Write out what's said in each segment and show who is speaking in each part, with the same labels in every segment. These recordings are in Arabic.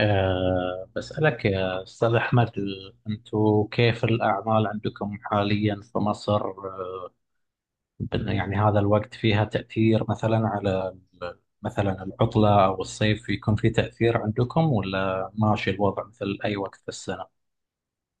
Speaker 1: بسألك يا أستاذ أحمد، أنتوا كيف الأعمال عندكم حاليا في مصر؟ يعني هذا الوقت فيها تأثير مثلا على مثلا العطلة أو الصيف يكون في تأثير عندكم ولا ماشي الوضع مثل أي وقت في السنة؟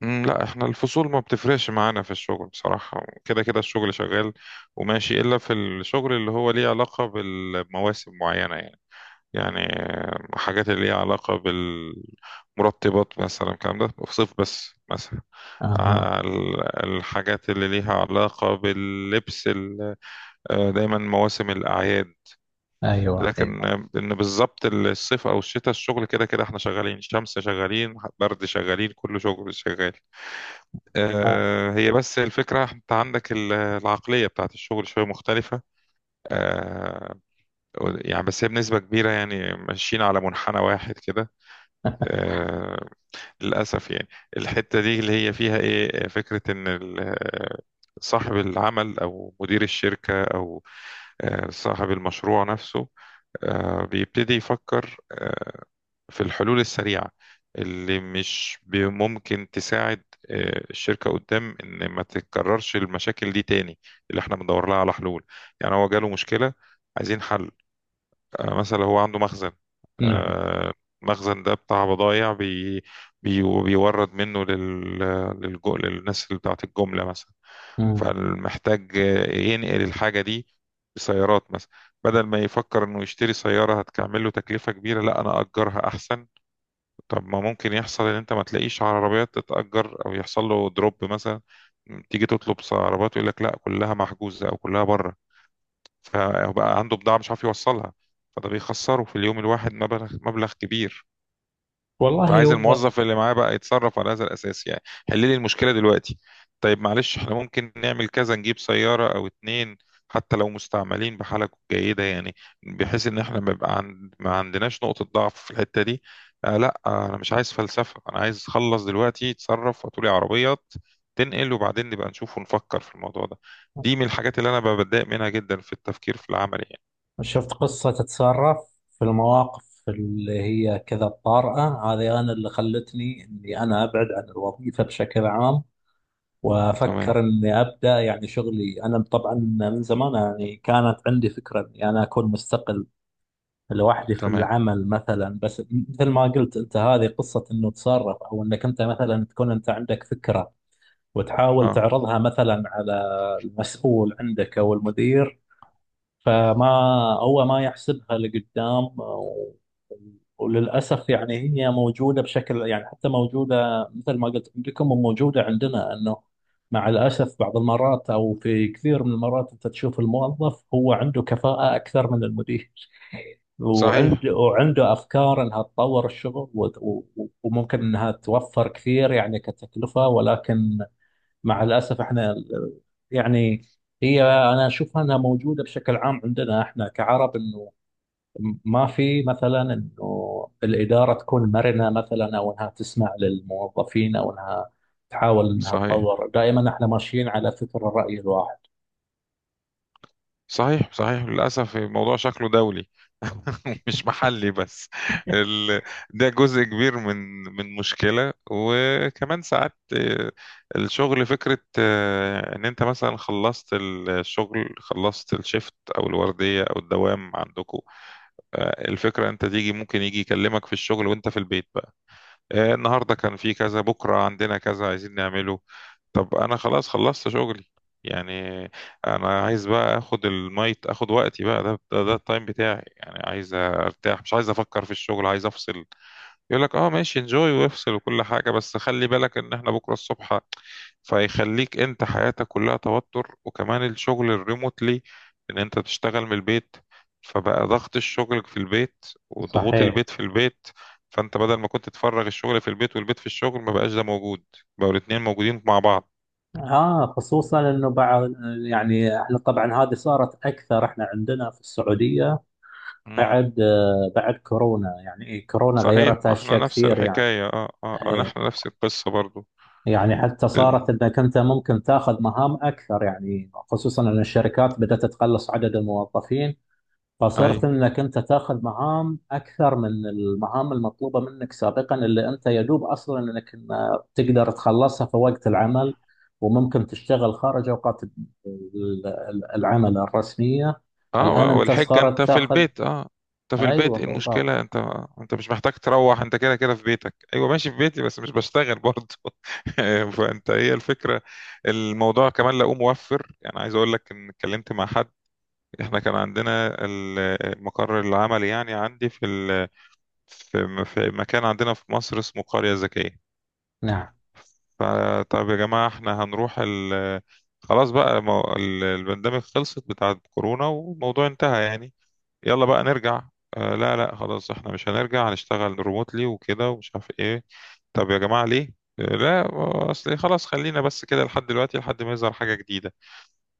Speaker 2: لا احنا الفصول ما بتفرقش معانا في الشغل بصراحة، كده كده الشغل شغال وماشي إلا في الشغل اللي هو ليه علاقة بالمواسم معينة يعني. يعني حاجات اللي ليها علاقة بالمرطبات مثلا، الكلام ده في صيف بس مثلا.
Speaker 1: أها.
Speaker 2: الحاجات اللي ليها علاقة باللبس دايما مواسم الأعياد.
Speaker 1: أيوه
Speaker 2: لكن
Speaker 1: أيوه.
Speaker 2: ان بالظبط الصيف او الشتاء، الشغل كده كده احنا شغالين شمس، شغالين برد، شغالين كل شغل شغال.
Speaker 1: آه.
Speaker 2: هي بس الفكرة انت عندك العقلية بتاعت الشغل شوية مختلفة. آه، يعني بس هي بنسبة كبيرة يعني ماشيين على منحنى واحد كده. آه، للأسف يعني. الحتة دي اللي هي فيها ايه، فكرة ان صاحب العمل او مدير الشركة او صاحب المشروع نفسه بيبتدي يفكر في الحلول السريعة اللي مش ب- ممكن تساعد الشركة قدام، إن ما تتكررش المشاكل دي تاني، اللي إحنا بندور لها على حلول. يعني هو جاله مشكلة، عايزين حل. مثلا هو عنده مخزن
Speaker 1: نعم.
Speaker 2: آه، المخزن ده بتاع بضايع بي بيورد منه لل للناس اللي بتاعت الجملة مثلا،
Speaker 1: مم.
Speaker 2: فمحتاج ينقل الحاجة دي بسيارات مثلا. بدل ما يفكر إنه يشتري سيارة هتكمله تكلفة كبيرة، لا أنا أجرها أحسن. طب ما ممكن يحصل ان انت ما تلاقيش عربيات تتأجر، او يحصل له دروب مثلا، تيجي تطلب عربيات يقول لك لا كلها محجوزة او كلها بره، فبقى عنده بضاعة مش عارف يوصلها، فده بيخسره في اليوم الواحد مبلغ كبير.
Speaker 1: والله
Speaker 2: فعايز
Speaker 1: هو،
Speaker 2: الموظف اللي معاه بقى يتصرف على هذا الأساس يعني. حل لي المشكلة دلوقتي. طيب معلش احنا ممكن نعمل كذا، نجيب سيارة أو اتنين، حتى لو مستعملين بحالة جيدة يعني، بحيث إن احنا ما يبقى عند... ما عندناش نقطة ضعف في الحتة دي. آه لا، آه أنا مش عايز فلسفة، أنا عايز أخلص دلوقتي، تصرف وتقولي عربيات تنقل وبعدين نبقى نشوف ونفكر في الموضوع ده. دي من الحاجات اللي أنا بتضايق منها جدا في التفكير في العمل يعني.
Speaker 1: شفت قصة تتصرف في المواقف اللي هي كذا الطارئة هذه، أنا اللي خلتني إني أنا أبعد عن الوظيفة بشكل عام
Speaker 2: تمام،
Speaker 1: وأفكر إني أبدأ يعني شغلي. أنا طبعا من زمان يعني كانت عندي فكرة إني أنا أكون مستقل لوحدي في
Speaker 2: تمام،
Speaker 1: العمل مثلا، بس مثل ما قلت أنت هذه قصة إنه تصرف، أو إنك أنت مثلا تكون أنت عندك فكرة وتحاول
Speaker 2: اه،
Speaker 1: تعرضها مثلا على المسؤول عندك أو المدير، فما هو ما يحسبها لقدام، وللأسف يعني هي موجودة بشكل، يعني حتى موجودة مثل ما قلت عندكم وموجودة عندنا، أنه مع الأسف بعض المرات أو في كثير من المرات أنت تشوف الموظف هو عنده كفاءة أكثر من المدير،
Speaker 2: صحيح،
Speaker 1: وعنده أفكار أنها تطور الشغل وممكن أنها توفر كثير يعني كتكلفة، ولكن مع الأسف احنا يعني، هي أنا أشوفها أنها موجودة بشكل عام عندنا احنا كعرب، أنه ما في مثلا أنه الإدارة تكون مرنة مثلا، أو أنها تسمع للموظفين، أو أنها تحاول أنها
Speaker 2: صحيح.
Speaker 1: تطور. دائما احنا ماشيين على فكر الرأي الواحد.
Speaker 2: صحيح للأسف الموضوع شكله دولي، مش محلي بس. ال... ده جزء كبير من من مشكلة. وكمان ساعات الشغل، فكرة إن أنت مثلا خلصت الشغل، خلصت الشيفت أو الوردية أو الدوام عندكم، الفكرة أنت تيجي ممكن يجي يكلمك في الشغل وأنت في البيت. النهارده كان في كذا، بكره عندنا كذا عايزين نعمله. طب انا خلاص خلصت شغلي يعني، انا عايز بقى اخد المايت، اخد وقتي بقى، ده التايم بتاعي يعني، عايز ارتاح، مش عايز افكر في الشغل، عايز افصل. يقول لك اه ماشي انجوي وافصل وكل حاجة، بس خلي بالك ان احنا بكرة الصبح. فيخليك انت حياتك كلها توتر. وكمان الشغل الريموتلي، ان انت تشتغل من البيت، فبقى ضغط الشغل في البيت وضغوط
Speaker 1: صحيح.
Speaker 2: البيت في البيت. فانت بدل ما كنت تفرغ الشغل في البيت والبيت في الشغل، ما بقاش ده موجود، بقوا الاتنين موجودين مع بعض.
Speaker 1: اه، خصوصا انه بعض، يعني احنا طبعا هذه صارت اكثر احنا عندنا في السعوديه
Speaker 2: مم.
Speaker 1: بعد بعد كورونا، يعني إيه، كورونا
Speaker 2: صحيح،
Speaker 1: غيرت
Speaker 2: ما احنا
Speaker 1: اشياء
Speaker 2: نفس
Speaker 1: كثير يعني.
Speaker 2: الحكاية. احنا
Speaker 1: إيه.
Speaker 2: نفس القصة برضو.
Speaker 1: يعني حتى صارت
Speaker 2: مم.
Speaker 1: انك انت ممكن تاخذ مهام اكثر، يعني خصوصا ان الشركات بدات تقلص عدد الموظفين، فصرت
Speaker 2: ايوه،
Speaker 1: انك انت تاخذ مهام اكثر من المهام المطلوبه منك سابقا، اللي انت يدوب اصلا تقدر تخلصها في وقت العمل، وممكن تشتغل خارج اوقات العمل الرسميه. الان
Speaker 2: اه،
Speaker 1: انت
Speaker 2: والحجة انت
Speaker 1: صارت
Speaker 2: في
Speaker 1: تاخذ.
Speaker 2: البيت، اه انت في
Speaker 1: ايوه
Speaker 2: البيت، ايه
Speaker 1: بالضبط.
Speaker 2: المشكلة انت، انت مش محتاج تروح، انت كده كده في بيتك. ايوه ماشي في بيتي بس مش بشتغل برضه. فانت هي الفكرة. الموضوع كمان لقوه موفر، يعني عايز اقول لك ان اتكلمت مع حد. احنا كان عندنا المقر العملي يعني، عندي في ال... في في مكان عندنا في مصر اسمه قرية ذكية.
Speaker 1: نعم.
Speaker 2: فطب يا جماعة احنا هنروح ال... خلاص بقى، البندemig خلصت بتاعت كورونا والموضوع انتهى يعني، يلا بقى نرجع. آه لا خلاص احنا مش هنرجع، هنشتغل ريموتلي وكده ومش عارف ايه. طب يا جماعة ليه؟ آه لا، اصل خلاص خلينا بس كده لحد دلوقتي لحد ما يظهر حاجة جديدة.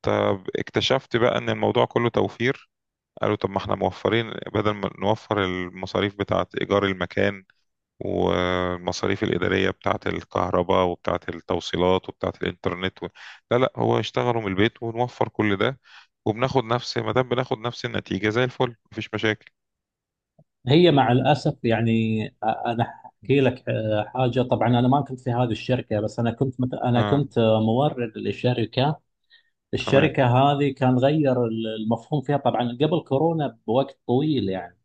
Speaker 2: طب اكتشفت بقى ان الموضوع كله توفير، قالوا طب ما احنا موفرين، بدل ما نوفر المصاريف بتاعة ايجار المكان والمصاريف الإدارية بتاعة الكهرباء وبتاعة التوصيلات وبتاعة الإنترنت و... لا لا، هو اشتغلوا من البيت ونوفر كل ده، وبناخد نفس، ما دام بناخد نفس النتيجة زي الفل، مفيش مشاكل.
Speaker 1: هي مع الأسف يعني، أنا أحكي لك حاجة. طبعا أنا ما كنت في هذه الشركة، بس أنا كنت أنا
Speaker 2: اه،
Speaker 1: كنت مورد لشركة.
Speaker 2: تمام،
Speaker 1: الشركة هذه كان غير المفهوم فيها، طبعا قبل كورونا بوقت طويل يعني.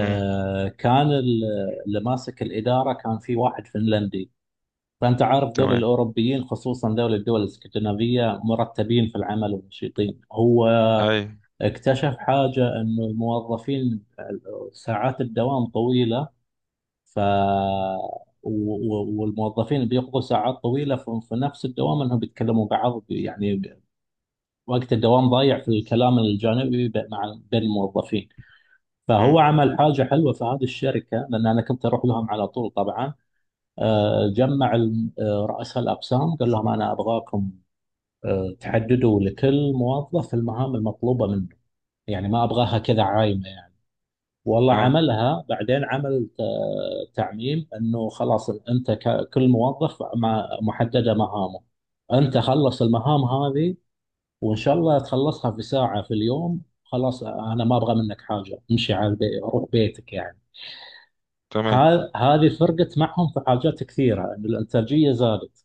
Speaker 2: امم،
Speaker 1: كان ال- اللي ماسك الإدارة كان في واحد فنلندي، فأنت عارف دول
Speaker 2: تمام،
Speaker 1: الأوروبيين خصوصا دول الدول الاسكندنافية مرتبين في العمل ونشيطين. هو
Speaker 2: اي،
Speaker 1: اكتشف حاجة، أنه الموظفين ساعات الدوام طويلة، ف و- والموظفين اللي بيقضوا ساعات طويله في نفس الدوام انهم بيتكلموا بعض يعني، وقت الدوام ضايع في الكلام الجانبي مع بين الموظفين. فهو
Speaker 2: امم،
Speaker 1: عمل حاجه حلوه في هذه الشركه، لان انا كنت اروح لهم على طول طبعا. جمع رؤساء الاقسام قال لهم انا ابغاكم تحددوا لكل موظف المهام المطلوبه منه، يعني ما ابغاها كذا عايمه. والله
Speaker 2: اه،
Speaker 1: عملها، بعدين عمل تعميم انه خلاص انت كل موظف محدده مهامه، انت خلص المهام هذه، وان شاء الله تخلصها في ساعه في اليوم، خلاص انا ما ابغى منك حاجه، امشي على البيت، روح بيتك يعني.
Speaker 2: تمام،
Speaker 1: هذه فرقت معهم في حاجات كثيره، ان الانتاجيه زادت،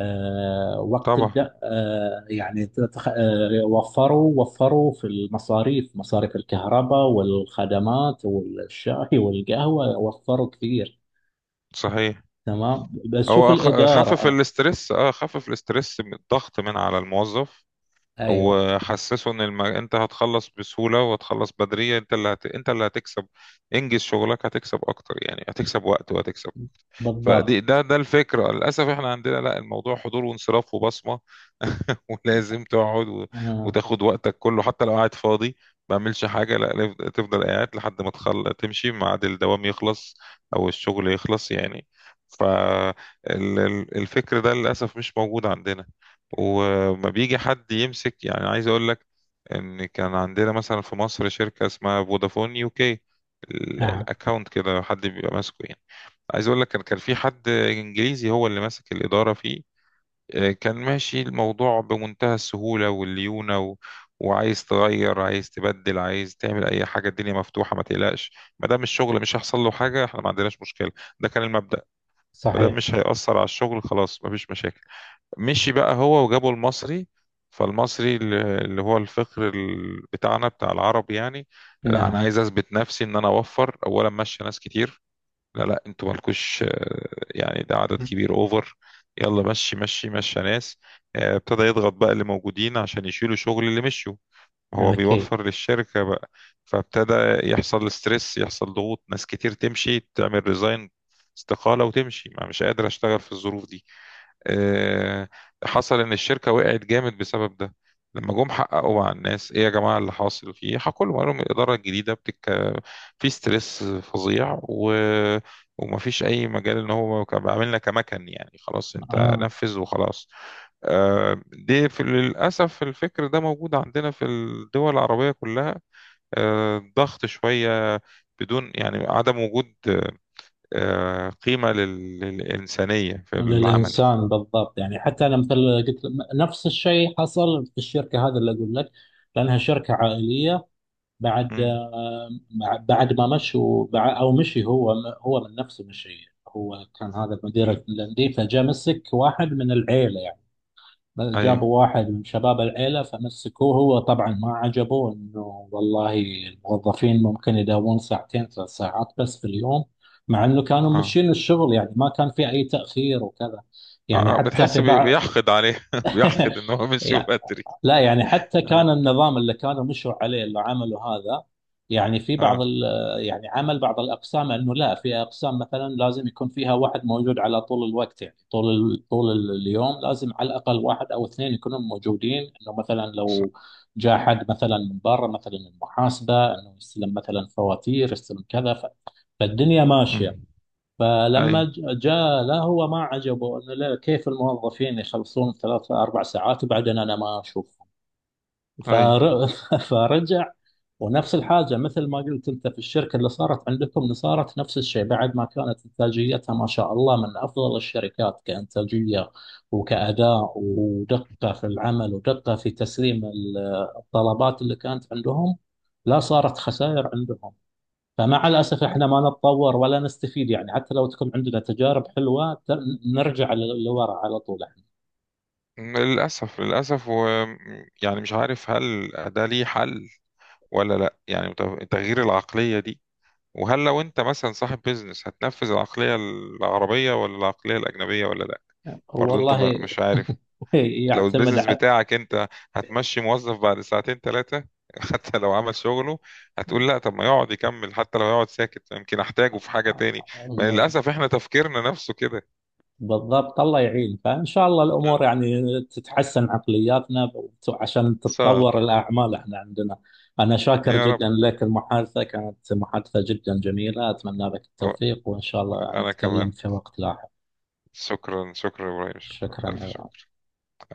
Speaker 1: وقت
Speaker 2: طبعا،
Speaker 1: تبدأ يعني وفروا، وفروا في المصاريف، مصاريف الكهرباء والخدمات والشاي والقهوة، وفروا كثير.
Speaker 2: صحيح.
Speaker 1: تمام، بس شوف
Speaker 2: هو
Speaker 1: الإدارة
Speaker 2: خفف الاسترس، اه خفف الاسترس من الضغط من على الموظف،
Speaker 1: أيوة
Speaker 2: وحسسه ان الم... انت هتخلص بسهولة وهتخلص بدري، انت اللي هت... انت اللي هتكسب، انجز شغلك هتكسب اكتر يعني، هتكسب وقت وهتكسب.
Speaker 1: بالضبط.
Speaker 2: فدي ده الفكرة. للأسف احنا عندنا لا، الموضوع حضور وانصراف وبصمة، ولازم تقعد
Speaker 1: آه،
Speaker 2: وتاخد وقتك كله حتى لو قاعد فاضي ما بعملش حاجة، لا لف- تفضل قاعد لحد ما تخل... تمشي، ميعاد الدوام يخلص أو الشغل يخلص يعني. فالفكر ده للأسف مش موجود عندنا. وما بيجي حد يمسك يعني. عايز أقول لك، إن كان عندنا مثلا في مصر شركة اسمها فودافون يو كي،
Speaker 1: نعم.
Speaker 2: الأكاونت كده حد بيبقى ماسكه يعني. عايز اقول لك، كان في حد انجليزي هو اللي ماسك الاداره فيه. كان ماشي الموضوع بمنتهى السهوله والليونه و... وعايز تغير، عايز تبدل، عايز تعمل اي حاجه، الدنيا مفتوحه ما تقلقش، ما دام الشغل مش هيحصل له حاجه احنا ما عندناش مشكله. ده كان المبدأ. ما دام
Speaker 1: صحيح.
Speaker 2: مش هيأثر على الشغل خلاص ما فيش مشاكل. مشي بقى هو وجابوا المصري. فالمصري اللي هو الفقر بتاعنا بتاع العرب يعني. لا
Speaker 1: نعم.
Speaker 2: انا عايز اثبت نفسي ان انا اوفر، اولا ماشي ناس كتير، لا لا انتوا مالكوش يعني ده عدد كبير، اوفر. يلا مشي يا ناس. ابتدى يضغط بقى اللي موجودين عشان يشيلوا شغل اللي مشوا، هو
Speaker 1: أكيد.
Speaker 2: بيوفر للشركة بقى. فابتدى يحصل ستريس، يحصل ضغوط، ناس كتير تمشي تعمل ريزاين، استقالة وتمشي، ما مش قادر اشتغل في الظروف دي. آه، حصل ان الشركه وقعت جامد بسبب ده. لما جم حققوا مع الناس ايه يا جماعه اللي حاصل فيه، حكوا لهم، قالوا لهم الاداره الجديده بتك، في ستريس فظيع و... ومفيش اي مجال، ان هو كان بيعاملنا كمكن يعني، خلاص انت
Speaker 1: آه،
Speaker 2: نفذ وخلاص. دي في للاسف الفكر ده موجود عندنا في الدول العربيه كلها. ضغط شويه، بدون يعني، عدم وجود قيمه للانسانيه في العمل.
Speaker 1: للإنسان بالضبط، يعني حتى أنا مثل قلت، نفس الشيء حصل في الشركة هذا اللي أقول لك، لأنها شركة عائلية. بعد
Speaker 2: مم.
Speaker 1: بعد ما مشوا، او مشي هو، هو من نفسه مشي. هو كان هذا المدير الانديه، فجاء مسك واحد من العيله يعني،
Speaker 2: ايوه،
Speaker 1: جابوا واحد من شباب العيله فمسكوه. هو طبعا ما عجبه انه، والله الموظفين ممكن يداومون 2 3 ساعات بس في اليوم، مع انه كانوا
Speaker 2: اه،
Speaker 1: ماشيين الشغل، يعني ما كان في اي تاخير وكذا. يعني حتى في
Speaker 2: بتحس بي-
Speaker 1: بعض
Speaker 2: بيحقد عليه، بيحقد ان هو مشي بدري.
Speaker 1: لا، يعني حتى
Speaker 2: اه،
Speaker 1: كان النظام اللي كانوا مشوا عليه، اللي عملوا هذا، يعني في بعض
Speaker 2: آه.
Speaker 1: يعني، عمل بعض الأقسام أنه لا، في أقسام مثلا لازم يكون فيها واحد موجود على طول الوقت، يعني طول اليوم لازم على الأقل واحد أو اثنين يكونوا موجودين، أنه مثلا
Speaker 2: ص-
Speaker 1: لو جاء حد مثلا من برا مثلا المحاسبة أنه يستلم مثلا فواتير، يستلم كذا، فالدنيا ماشية.
Speaker 2: مم.
Speaker 1: فلما
Speaker 2: اي،
Speaker 1: ج- جاء، لا هو ما عجبه انه، لا، كيف الموظفين يخلصون 3 4 ساعات وبعدين انا ما اشوف؟
Speaker 2: اي،
Speaker 1: فر... فرجع. ونفس الحاجة مثل ما قلت أنت في الشركة اللي صارت عندكم، صارت نفس الشيء بعد ما كانت إنتاجيتها ما شاء الله من أفضل الشركات كإنتاجية وكأداء ودقة في العمل ودقة في تسليم الطلبات اللي كانت عندهم، لا صارت خسائر عندهم. فمع الأسف إحنا ما نتطور ولا نستفيد، يعني حتى لو تكون عندنا تجارب حلوة نرجع لورا على طول إحنا.
Speaker 2: للاسف، للاسف. و يعني مش عارف هل ده ليه حل ولا لا، يعني تغيير العقليه دي، وهل لو انت مثلا صاحب بيزنس هتنفذ العقليه العربيه ولا العقليه الاجنبيه ولا لا. برضو انت
Speaker 1: والله
Speaker 2: مش عارف. لو
Speaker 1: يعتمد
Speaker 2: البيزنس بتاعك انت، هتمشي موظف بعد ساعتين ثلاثة؟ حتى لو عمل شغله هتقول لا، طب ما يقعد يكمل، حتى لو يقعد ساكت يمكن احتاجه في حاجة تاني. ما
Speaker 1: على،
Speaker 2: للأسف احنا تفكيرنا نفسه كده.
Speaker 1: بالضبط. الله يعين، فإن شاء الله
Speaker 2: ان
Speaker 1: الأمور يعني تتحسن عقلياتنا عشان
Speaker 2: شاء
Speaker 1: تتطور
Speaker 2: الله،
Speaker 1: الأعمال احنا عندنا. أنا شاكر
Speaker 2: يا رب،
Speaker 1: جدا لك، المحادثة كانت محادثة جدا جميلة، أتمنى لك التوفيق، وإن شاء الله
Speaker 2: انا
Speaker 1: نتكلم
Speaker 2: كمان،
Speaker 1: في وقت لاحق.
Speaker 2: شكرا، شكرا يا ابراهيم، شكرا الف
Speaker 1: شكرا.
Speaker 2: شكر.